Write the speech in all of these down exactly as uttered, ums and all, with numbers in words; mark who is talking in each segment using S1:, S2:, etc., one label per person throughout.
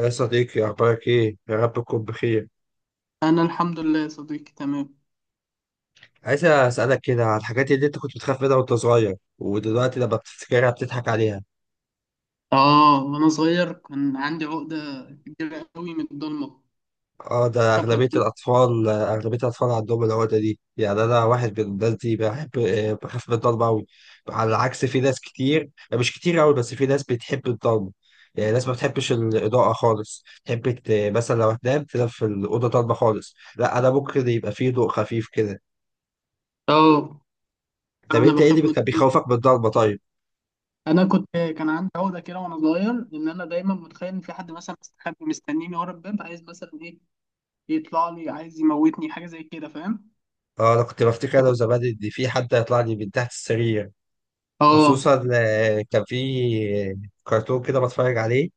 S1: يا صديقي، أخبارك إيه؟ يا رب تكون بخير.
S2: أنا الحمد لله يا صديقي، تمام.
S1: عايز أسألك كده على الحاجات اللي أنت كنت بتخاف منها وأنت صغير ودلوقتي لما بتفتكرها بتضحك عليها.
S2: آه، وأنا صغير كان عندي عقدة كبيرة قوي من الضلمة.
S1: أه، ده
S2: بخاف من
S1: أغلبية
S2: الضلمة.
S1: الأطفال أغلبية الأطفال عندهم العقدة دي. يعني أنا واحد من الناس دي بحب آه، بخاف من الضلمة أوي. على العكس، في ناس كتير، مش كتير أوي، بس في ناس بتحب الضلمة. يعني ناس ما بتحبش الإضاءة خالص، تحب ت- مثلا لو هتنام تنام في الأوضة ضلمة خالص، لا أنا ممكن يبقى فيه ضوء خفيف كده.
S2: آه،
S1: طب
S2: أنا
S1: أنت إيه اللي
S2: بخاف من
S1: بيخ-
S2: الضلمة.
S1: بيخوفك من الضلمة طيب؟
S2: أنا كنت كان عندي عقدة كده، وأنا صغير، إن أنا دايما متخيل إن في حد مثلا مستخبي مستنيني ورا الباب، عايز مثلا إيه يطلع لي عايز يموتني، حاجة زي كده، فاهم؟
S1: اه، انا كنت بفتكر انا وزمان ان في حد هيطلع لي من تحت السرير.
S2: آه،
S1: خصوصا آه، كان في كرتون كده بتفرج عليه،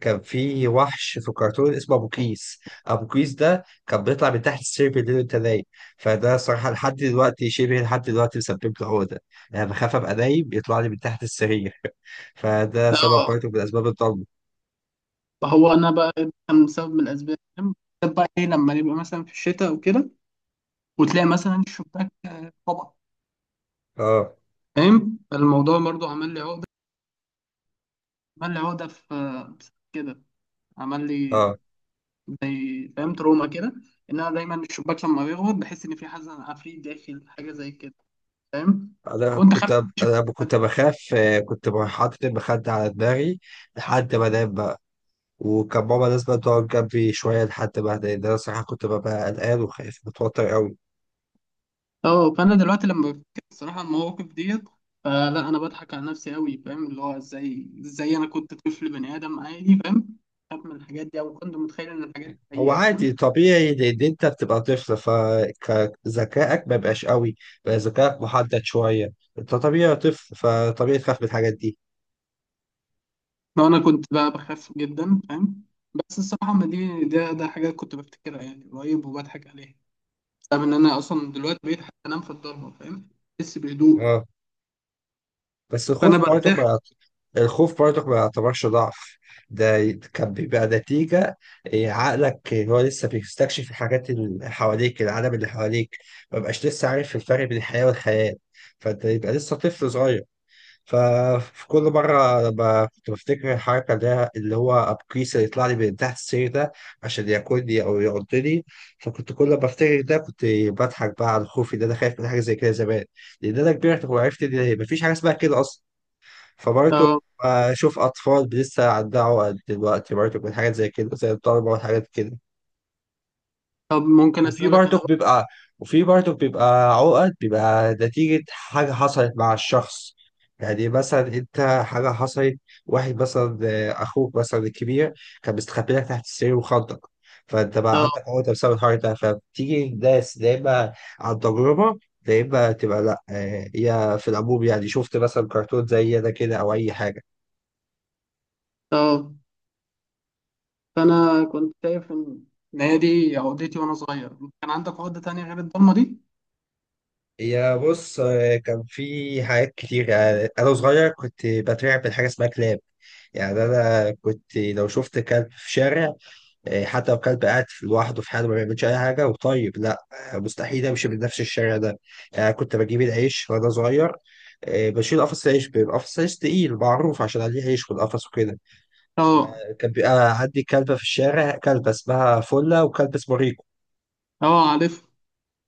S1: كان في وحش في الكرتون اسمه ابو كيس. ابو كيس ده كان بيطلع من تحت السرير بالليل وانت نايم، فده صراحه لحد دلوقتي شبه لحد دلوقتي مسبب لي عقده. يعني بخاف ابقى نايم يطلع لي من تحت السرير فده سبب
S2: آه.
S1: برضه من اسباب الضلمه.
S2: فهو أنا بقى ده كان بسبب من الأسباب، فاهم؟ بالذات بقى إيه لما نبقى مثلا في الشتاء وكده، وتلاقي مثلا الشباك، طبعا.
S1: اه،
S2: فاهم الموضوع برضو عمل لي عقدة عمل لي عقدة في كده، عمل لي
S1: اه،
S2: زي، فاهم، تروما كده، ان انا دايما الشباك لما بيغلق بحس ان في حزن عفريت داخل، حاجة زي كده، فاهم.
S1: انا
S2: كنت
S1: كنت
S2: خايف أكتشف
S1: انا
S2: الحاجة.
S1: كنت بخاف. آه، كنت حاطط المخده على دماغي لحد ما انام بقى. وكان ماما لازم تقعد جنبي شوية لحد ما أهدى، لأن أنا صراحة كنت ببقى قلقان وخايف متوتر أوي.
S2: اه، فانا دلوقتي لما بفتكر الصراحه المواقف ديت، فلا انا بضحك على نفسي قوي، فاهم، اللي هو ازاي ازاي انا كنت طفل بني ادم عادي، فاهم، بخاف من الحاجات دي، او كنت متخيل ان الحاجات دي
S1: هو
S2: حقيقه، فاهم؟
S1: عادي طبيعي، لأن أنت بتبقى طفل فذكائك ما بيبقاش أوي، بقى ذكائك محدد شوية، أنت طبيعي طفل فطبيعي تخاف من الحاجات دي.
S2: لو انا كنت بقى بخاف جدا، فاهم. بس الصراحه ما دي ده ده حاجه كنت بفتكرها يعني قريب وبضحك عليها، فاهم ان انا اصلا دلوقتي بقيت حتى انام في الضلمه، فاهم. بحس بهدوء.
S1: اه، بس
S2: فانا
S1: الخوف برضه ما
S2: برتاح.
S1: يعت- الخوف برضه ما يعتبرش ضعف. ده ي- كان بيبقى نتيجة إيه، عقلك هو لسه بيستكشف الحاجات اللي حواليك، العالم اللي حواليك، ما بقاش لسه عارف الفرق بين الحياة والخيال، فانت يبقى لسه طفل صغير. ففي كل مرة لما كنت بفتكر الحركة اللي اللي هو أبكيس اللي يطلع لي من تحت السرير ده عشان ياكلني أو يعضني، فكنت كل ما بفتكر ده كنت بضحك بقى على خوفي إن أنا خايف من حاجة زي كده زمان، لأن أنا كبرت وعرفت إن مفيش حاجة اسمها كده أصلا. فبرضه
S2: اه،
S1: بشوف أطفال لسه على الدعوة دلوقتي برضه من حاجات زي كده، زي الضربة والحاجات كده.
S2: طب ممكن
S1: وفي
S2: اسالك انا
S1: برضه
S2: بقى.
S1: بيبقى وفي برضه بيبقى عقد، بيبقى نتيجة حاجة حصلت مع الشخص. يعني مثلا أنت، حاجة حصلت، واحد مثلا آه، أخوك مثلا الكبير كان مستخبي لك تحت السرير وخضك، فأنت بقى
S2: اه،
S1: عندك عقدة بسبب الحوار ده. فبتيجي ناس يا إما عن تجربة، يا إما تبقى لأ، آه، هي في العموم يعني شفت مثلا كرتون زي ده كده أو أي حاجة.
S2: اه، فانا كنت شايف ان إن هي دي عقدتي وانا صغير. إنت كان عندك عقده تانية غير الضلمه دي؟
S1: يا بص، آه، كان في حاجات كتير. آه، انا صغير كنت بترعب من حاجه اسمها كلاب. يعني انا كنت لو شفت كلب في شارع، آه، حتى لو كلب قاعد في- لوحده في حاله ما بيعملش اي حاجه وطيب، لا، آه، مستحيل امشي من نفس الشارع ده. يعني كنت بجيب العيش وانا صغير، آه، بشيل قفص عيش، بيبقى قفص عيش تقيل معروف عشان عليه عيش في القفص وكده.
S2: اه،
S1: كان بيبقى عندي كلبه في الشارع، كلبه اسمها فله وكلب اسمه ريكو،
S2: اه، عارف.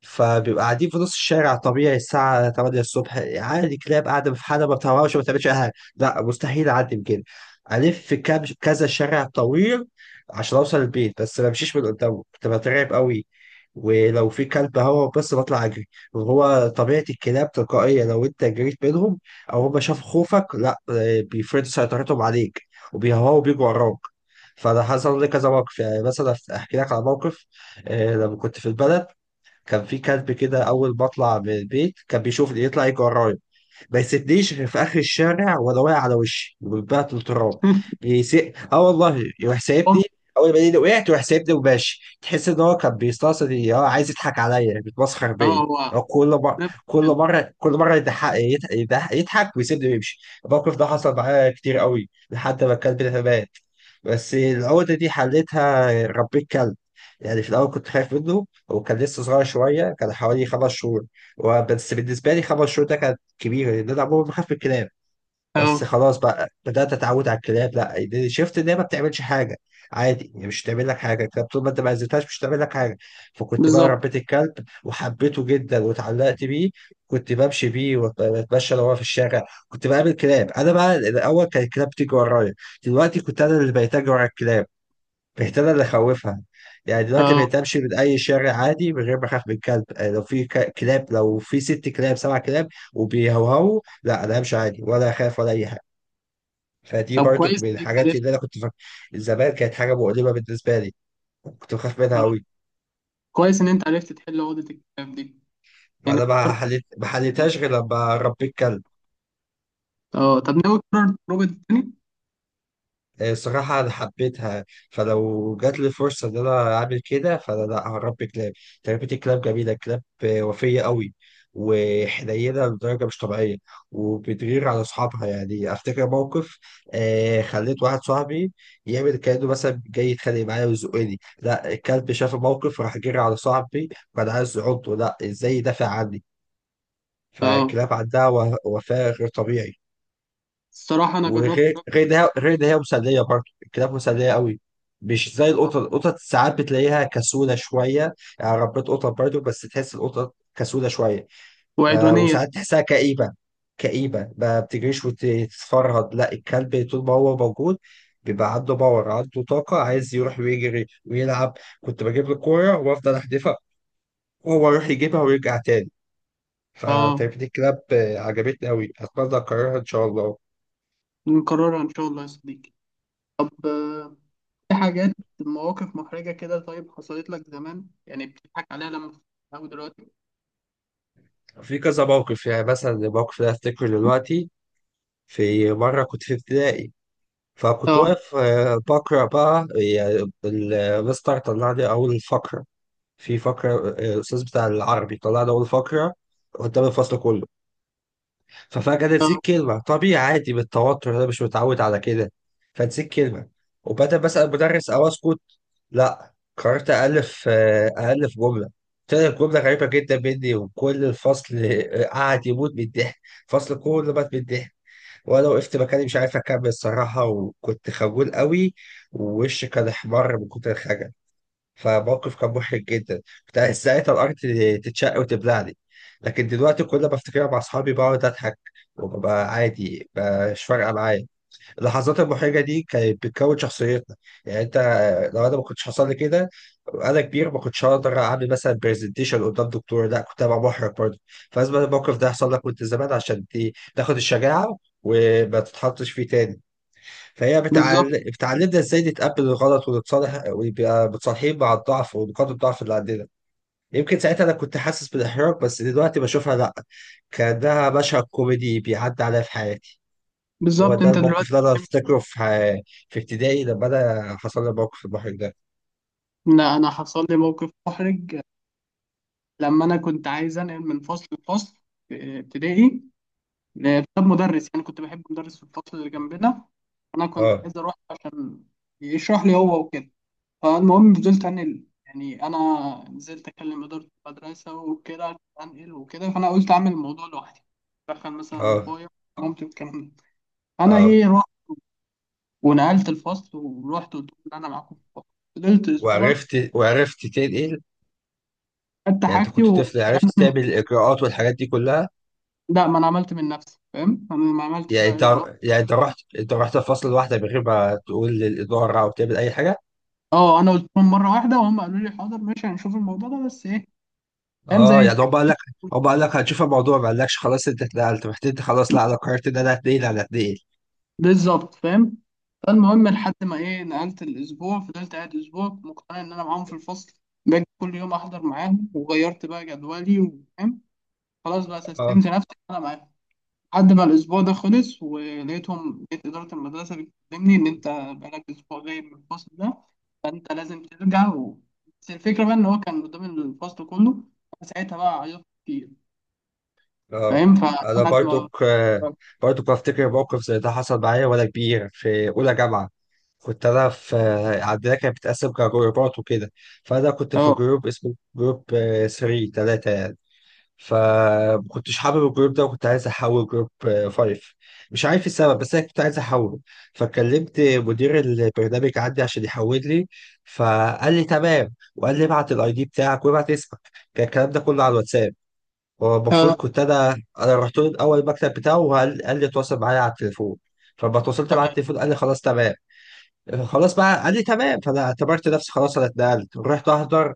S1: فبيبقى قاعدين في نص الشارع طبيعي الساعة ثمانية الصبح عادي، كلاب قاعدة في حالها ما بتهربش ما بتعملش أي حاجة. لا، مستحيل أعدي بجد. ألف في كام كذا شارع طويل عشان أوصل البيت، بس ما بمشيش من قدامه، كنت بترعب قوي. ولو في كلب هو بس بطلع أجري، وهو طبيعة الكلاب تلقائية، لو أنت جريت منهم أو هم شافوا خوفك، لا، بيفرضوا سيطرتهم عليك وبيهوا بيجوا وراك. فأنا حصل لي كذا موقف. يعني مثلا أحكي لك على موقف، آه، لما كنت في البلد كان في كلب كده، اول ما اطلع من البيت كان بيشوف يطلع يجي ورايا، ما يسيبنيش غير في اخر الشارع وانا واقع على وشي وبتبعت التراب. بيسي... اه والله، يروح سايبني. اول ما يلاقيني وقعت يروح سايبني وماشي، تحس ان هو كان بيستقصد، اه، عايز يضحك عليا، بيتمسخر
S2: اه،
S1: بيا.
S2: هو
S1: هو كل مره
S2: نفس
S1: كل
S2: الكلام.
S1: مره كل مره يضحك يضحك, يضحك يضحك ويسيبني ويمشي. الموقف ده حصل معايا كتير قوي لحد ما الكلب ده مات. بس العقدة دي حليتها، ربيت كلب. يعني في الأول كنت خايف منه وكان لسه صغير شوية، كان حوالي خمس شهور، بس بالنسبة لي خمس شهور ده كان كبيره، لان انا عمري ما خاف من الكلاب. بس
S2: اه،
S1: خلاص بقى بدات اتعود على الكلاب، لا يعني شفت ان هي ما بتعملش حاجه، عادي، يعني مش تعمل لك حاجه الكلاب طول ما انت ما اذيتهاش، مش تعمل لك حاجه. فكنت بقى
S2: بالظبط.
S1: ربيت الكلب وحبيته جدا واتعلقت بيه، كنت بمشي بيه واتمشى لو هو في الشارع، كنت بقابل كلاب. انا بقى الاول كان الكلاب بتيجي ورايا، دلوقتي كنت انا اللي بقيت اجري ورا الكلاب. بهتان اللي خوفها. يعني دلوقتي
S2: اه،
S1: بقيت امشي من اي شارع عادي من غير ما اخاف من كلب. آه، لو في ك- كلاب، لو في ست كلاب سبع كلاب وبيهوهوا، لا، انا همشي عادي ولا اخاف ولا اي حاجه. فدي
S2: طب
S1: برضو
S2: كويس ان
S1: من
S2: انت
S1: الحاجات
S2: عرفت.
S1: اللي انا كنت فاكر زمان كانت حاجه مؤلمه بالنسبه لي، كنت بخاف منها
S2: اه،
S1: قوي.
S2: كويس ان انت عرفت تحل عقده الكتاب دي. يعني
S1: فانا ما
S2: فكرت،
S1: حليت ما
S2: انت،
S1: حليتهاش غير لما ربيت كلب.
S2: اه، طب ناوي تكرر التجربه دي تاني؟
S1: آه، الصراحة أنا حبيتها، فلو جات لي فرصة إن أنا أعمل كده، فأنا لأ، هربي كلاب. تربية الكلاب جميلة، الكلاب وفية قوي وحنينة لدرجة مش طبيعية، وبتغير على أصحابها. يعني أفتكر موقف، آه خليت واحد صاحبي يعمل كأنه مثلا جاي يتخانق معايا ويزقني، لأ الكلب شاف الموقف راح جري على صاحبي وأنا عايز أعضه، لأ إزاي يدافع عني.
S2: اه،
S1: فالكلاب عندها و- وفاء غير طبيعي.
S2: الصراحه انا
S1: وغير
S2: جربت.
S1: غير ده غير ده هي مسليه برضه، الكلاب مسليه قوي، مش زي القطط. القطط ساعات بتلاقيها كسوله شويه، يعني ربيت قطط برضه بس تحس القطط كسوله شويه، ب-
S2: وعدوانيه.
S1: وساعات تحسها كئيبه، كئيبه ما بتجريش وتتفرهد. لا الكلب طول ما هو موجود بيبقى عنده باور، عنده طاقه، عايز يروح ويجري ويلعب. كنت بجيب له كوره وافضل احدفها وهو يروح يجيبها ويرجع تاني.
S2: اه،
S1: فتربية الكلاب عجبتني قوي، اتمنى اكررها ان شاء الله.
S2: نكررها ان شاء الله يا صديقي. طب، آه، في حاجات، مواقف محرجة كده، طيب حصلت لك زمان يعني بتضحك عليها لما بتتعود دلوقتي؟
S1: في كذا موقف، يعني مثلا الموقف اللي افتكره دلوقتي، في مره كنت في ابتدائي، فكنت
S2: اه،
S1: واقف آه، بقرا بقى. يعني المستر طلع لي اول فقره، في فقره آه، الاستاذ بتاع العربي طلع لي اول فقره قدام الفصل كله. ففجاه
S2: اه،
S1: نسيت كلمه، طبيعي عادي بالتوتر، انا مش متعود على كده، فنسيت كلمه، وبدأ بسأل المدرس او اسكت. لا قررت ألف آه، ألف جملة. طلعت جملة غريبة جدا مني، وكل الفصل آه، قعد يموت من الضحك. الفصل كله مات من الضحك، وأنا وقفت مكاني مش عارف أكمل الصراحة، وكنت خجول قوي ووشي كان أحمر من كتر الخجل. فموقف كان محرج جدا، كنت عايز ساعتها الأرض تتشق وتبلعني. لكن دلوقتي كل ما أفتكرها مع أصحابي بقعد أضحك وببقى عادي، مش فارقة معايا. اللحظات المحرجه دي كانت بتكون شخصيتنا. يعني انت، آه، لو انا ما كنتش حصل لي كده انا كبير ما كنتش هقدر اعمل مثلا برزنتيشن قدام دكتور، لا كنت هبقى محرج برضه. فلازم الموقف ده يحصل لك وانت زمان عشان ت- تاخد الشجاعه وما تتحطش فيه تاني. فهي
S2: بالظبط.
S1: بتعل... بتعلمنا ازاي نتقبل الغلط ونتصالح ويبقى متصالحين مع الضعف ونقاط الضعف اللي عندنا. يمكن ساعتها انا كنت حاسس بالاحراج بس دلوقتي بشوفها لا، كانها مشهد كوميدي بيعدي عليا في حياتي. هو
S2: بالظبط
S1: ده
S2: انت
S1: الموقف
S2: دلوقتي.
S1: اللي انا افتكره في في ابتدائي لما انا حصل لي موقف المحرج ده.
S2: لا انا حصل لي موقف محرج لما انا كنت عايز انقل من فصل لفصل في ابتدائي، بسبب مدرس يعني كنت بحب مدرس في الفصل اللي جنبنا. انا كنت
S1: اه،
S2: عايز اروح عشان يشرح لي هو وكده. فالمهم فضلت انقل، يعني انا نزلت اكلم اداره المدرسه وكده عشان انقل وكده، فانا قلت اعمل الموضوع لوحدي. دخل مثلا
S1: اه،
S2: بابايا ومامتي والكلام ده. فانا
S1: اه،
S2: ايه رحت ونقلت الفصل ورحت قلت لهم ان انا معاكم في الفصل. فضلت اسبوع.
S1: وعرفت وعرفت تنقل.
S2: خدت
S1: يعني انت
S2: حاجتي
S1: كنت طفل
S2: والكلام
S1: عرفت
S2: ده من.
S1: تعمل الاجراءات والحاجات دي كلها.
S2: لا، ما انا عملت من نفسي، فاهم، انا ما عملتش
S1: يعني
S2: بقى
S1: انت
S2: اجراءات.
S1: يعني انت رحت انت رحت الفصل لوحدك من غير ما تقول للاداره او تعمل اي حاجه.
S2: اه، انا قلت لهم مره واحده وهم قالوا لي حاضر ماشي هنشوف الموضوع ده، بس ايه، فاهم،
S1: اه،
S2: زي
S1: يعني
S2: كده.
S1: هم قال لك هم قال لك هنشوف الموضوع، ما قالكش خلاص انت اتنقلت، رحت انت خلاص، لا انا قررت ان انا هتنقل انا هتنقل.
S2: بالظبط، فاهم. فالمهم لحد ما ايه نقلت الاسبوع، فضلت قاعد اسبوع مقتنع ان انا معاهم في الفصل، باجي كل يوم احضر معاهم وغيرت بقى جدولي، وفاهم، خلاص بقى
S1: اه،
S2: سستمت نفسي إن انا معاهم. لحد ما الاسبوع ده خلص ولقيتهم لقيت اداره المدرسه بتكلمني ان انت بقالك اسبوع غايب من الفصل ده، فانت لازم ترجع و... بس الفكره بقى ان هو كان قدام الفصل كله، انا ساعتها بقى عيطت كتير،
S1: اه،
S2: فاهم،
S1: انا
S2: فلحد ما،
S1: برضك، آه،
S2: اه،
S1: برضك بفتكر موقف زي ده حصل معايا وانا كبير في اولى جامعه. كنت انا في عندنا كانت بتتقسم كجروبات وكده. فانا كنت في
S2: اه،
S1: جروب اسمه جروب ثلاثة ثلاثة يعني. فما كنتش حابب الجروب ده وكنت عايز احول جروب خمسة، مش عارف السبب بس انا كنت عايز احوله. فكلمت مدير البرنامج عندي عشان يحول لي، فقال لي تمام وقال لي ابعت الاي دي بتاعك وابعت اسمك، كان الكلام ده كله على الواتساب. هو المفروض
S2: تمام.
S1: كنت انا، انا رحت له الاول المكتب بتاعه، وقال قال لي اتواصل معايا على التليفون. فلما اتواصلت معاه على التليفون قال لي خلاص تمام. خلاص بقى قال لي تمام، فانا اعتبرت نفسي خلاص انا اتنقلت، رحت احضر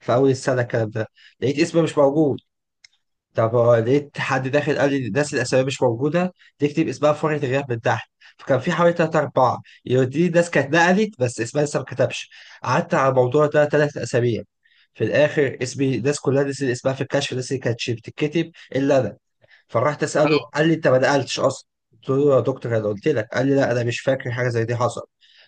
S1: في اول السنه الكلام ده، لقيت اسمي مش موجود. طب هو لقيت حد داخل قال لي الناس الاسامي مش موجوده تكتب اسمها في ورقه الغياب من تحت، فكان في حوالي تلات أربعة دي ناس كانت نقلت بس اسمها لسه ما كتبش. قعدت على الموضوع ده تلات أسابيع، في الآخر اسمي الناس كلها نسيت اسمها في الكشف، الناس اللي كانت بتتكتب إلا أنا. فراحت اساله،
S2: آه،
S1: قال لي انت ما نقلتش اصلا. قلت له يا دكتور انا قلت لك، قال لي لا انا مش فاكر حاجه زي دي حصل.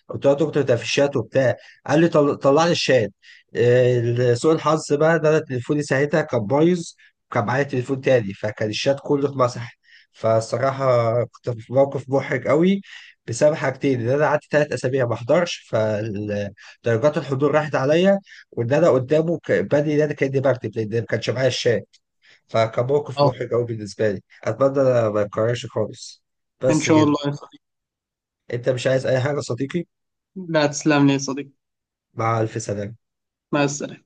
S1: قلت له يا دكتور ده في الشات وبتاع، قال لي طل... طلع لي الشات. آه، سوء الحظ بقى ان انا تليفوني ساعتها كان بايظ وكان معايا تليفون تاني، فكان الشات كله اتمسح. فالصراحه كنت في موقف محرج قوي بسبب حاجتين: ان انا قعدت ثلاث اسابيع ما احضرش فدرجات الحضور راحت عليا، وان انا قدامه ك- بادئ ان انا كاني بكتب لان ما كانش معايا الشات. فكموقف
S2: آه،
S1: محرج أوي بالنسبة لي، أتمنى ما يتكررش خالص.
S2: ان
S1: بس
S2: شاء
S1: كده.
S2: الله.
S1: أنت مش عايز أي حاجة يا صديقي؟
S2: لا، تسلم لي يا صديقي.
S1: مع ألف سلامة.
S2: مع السلامة.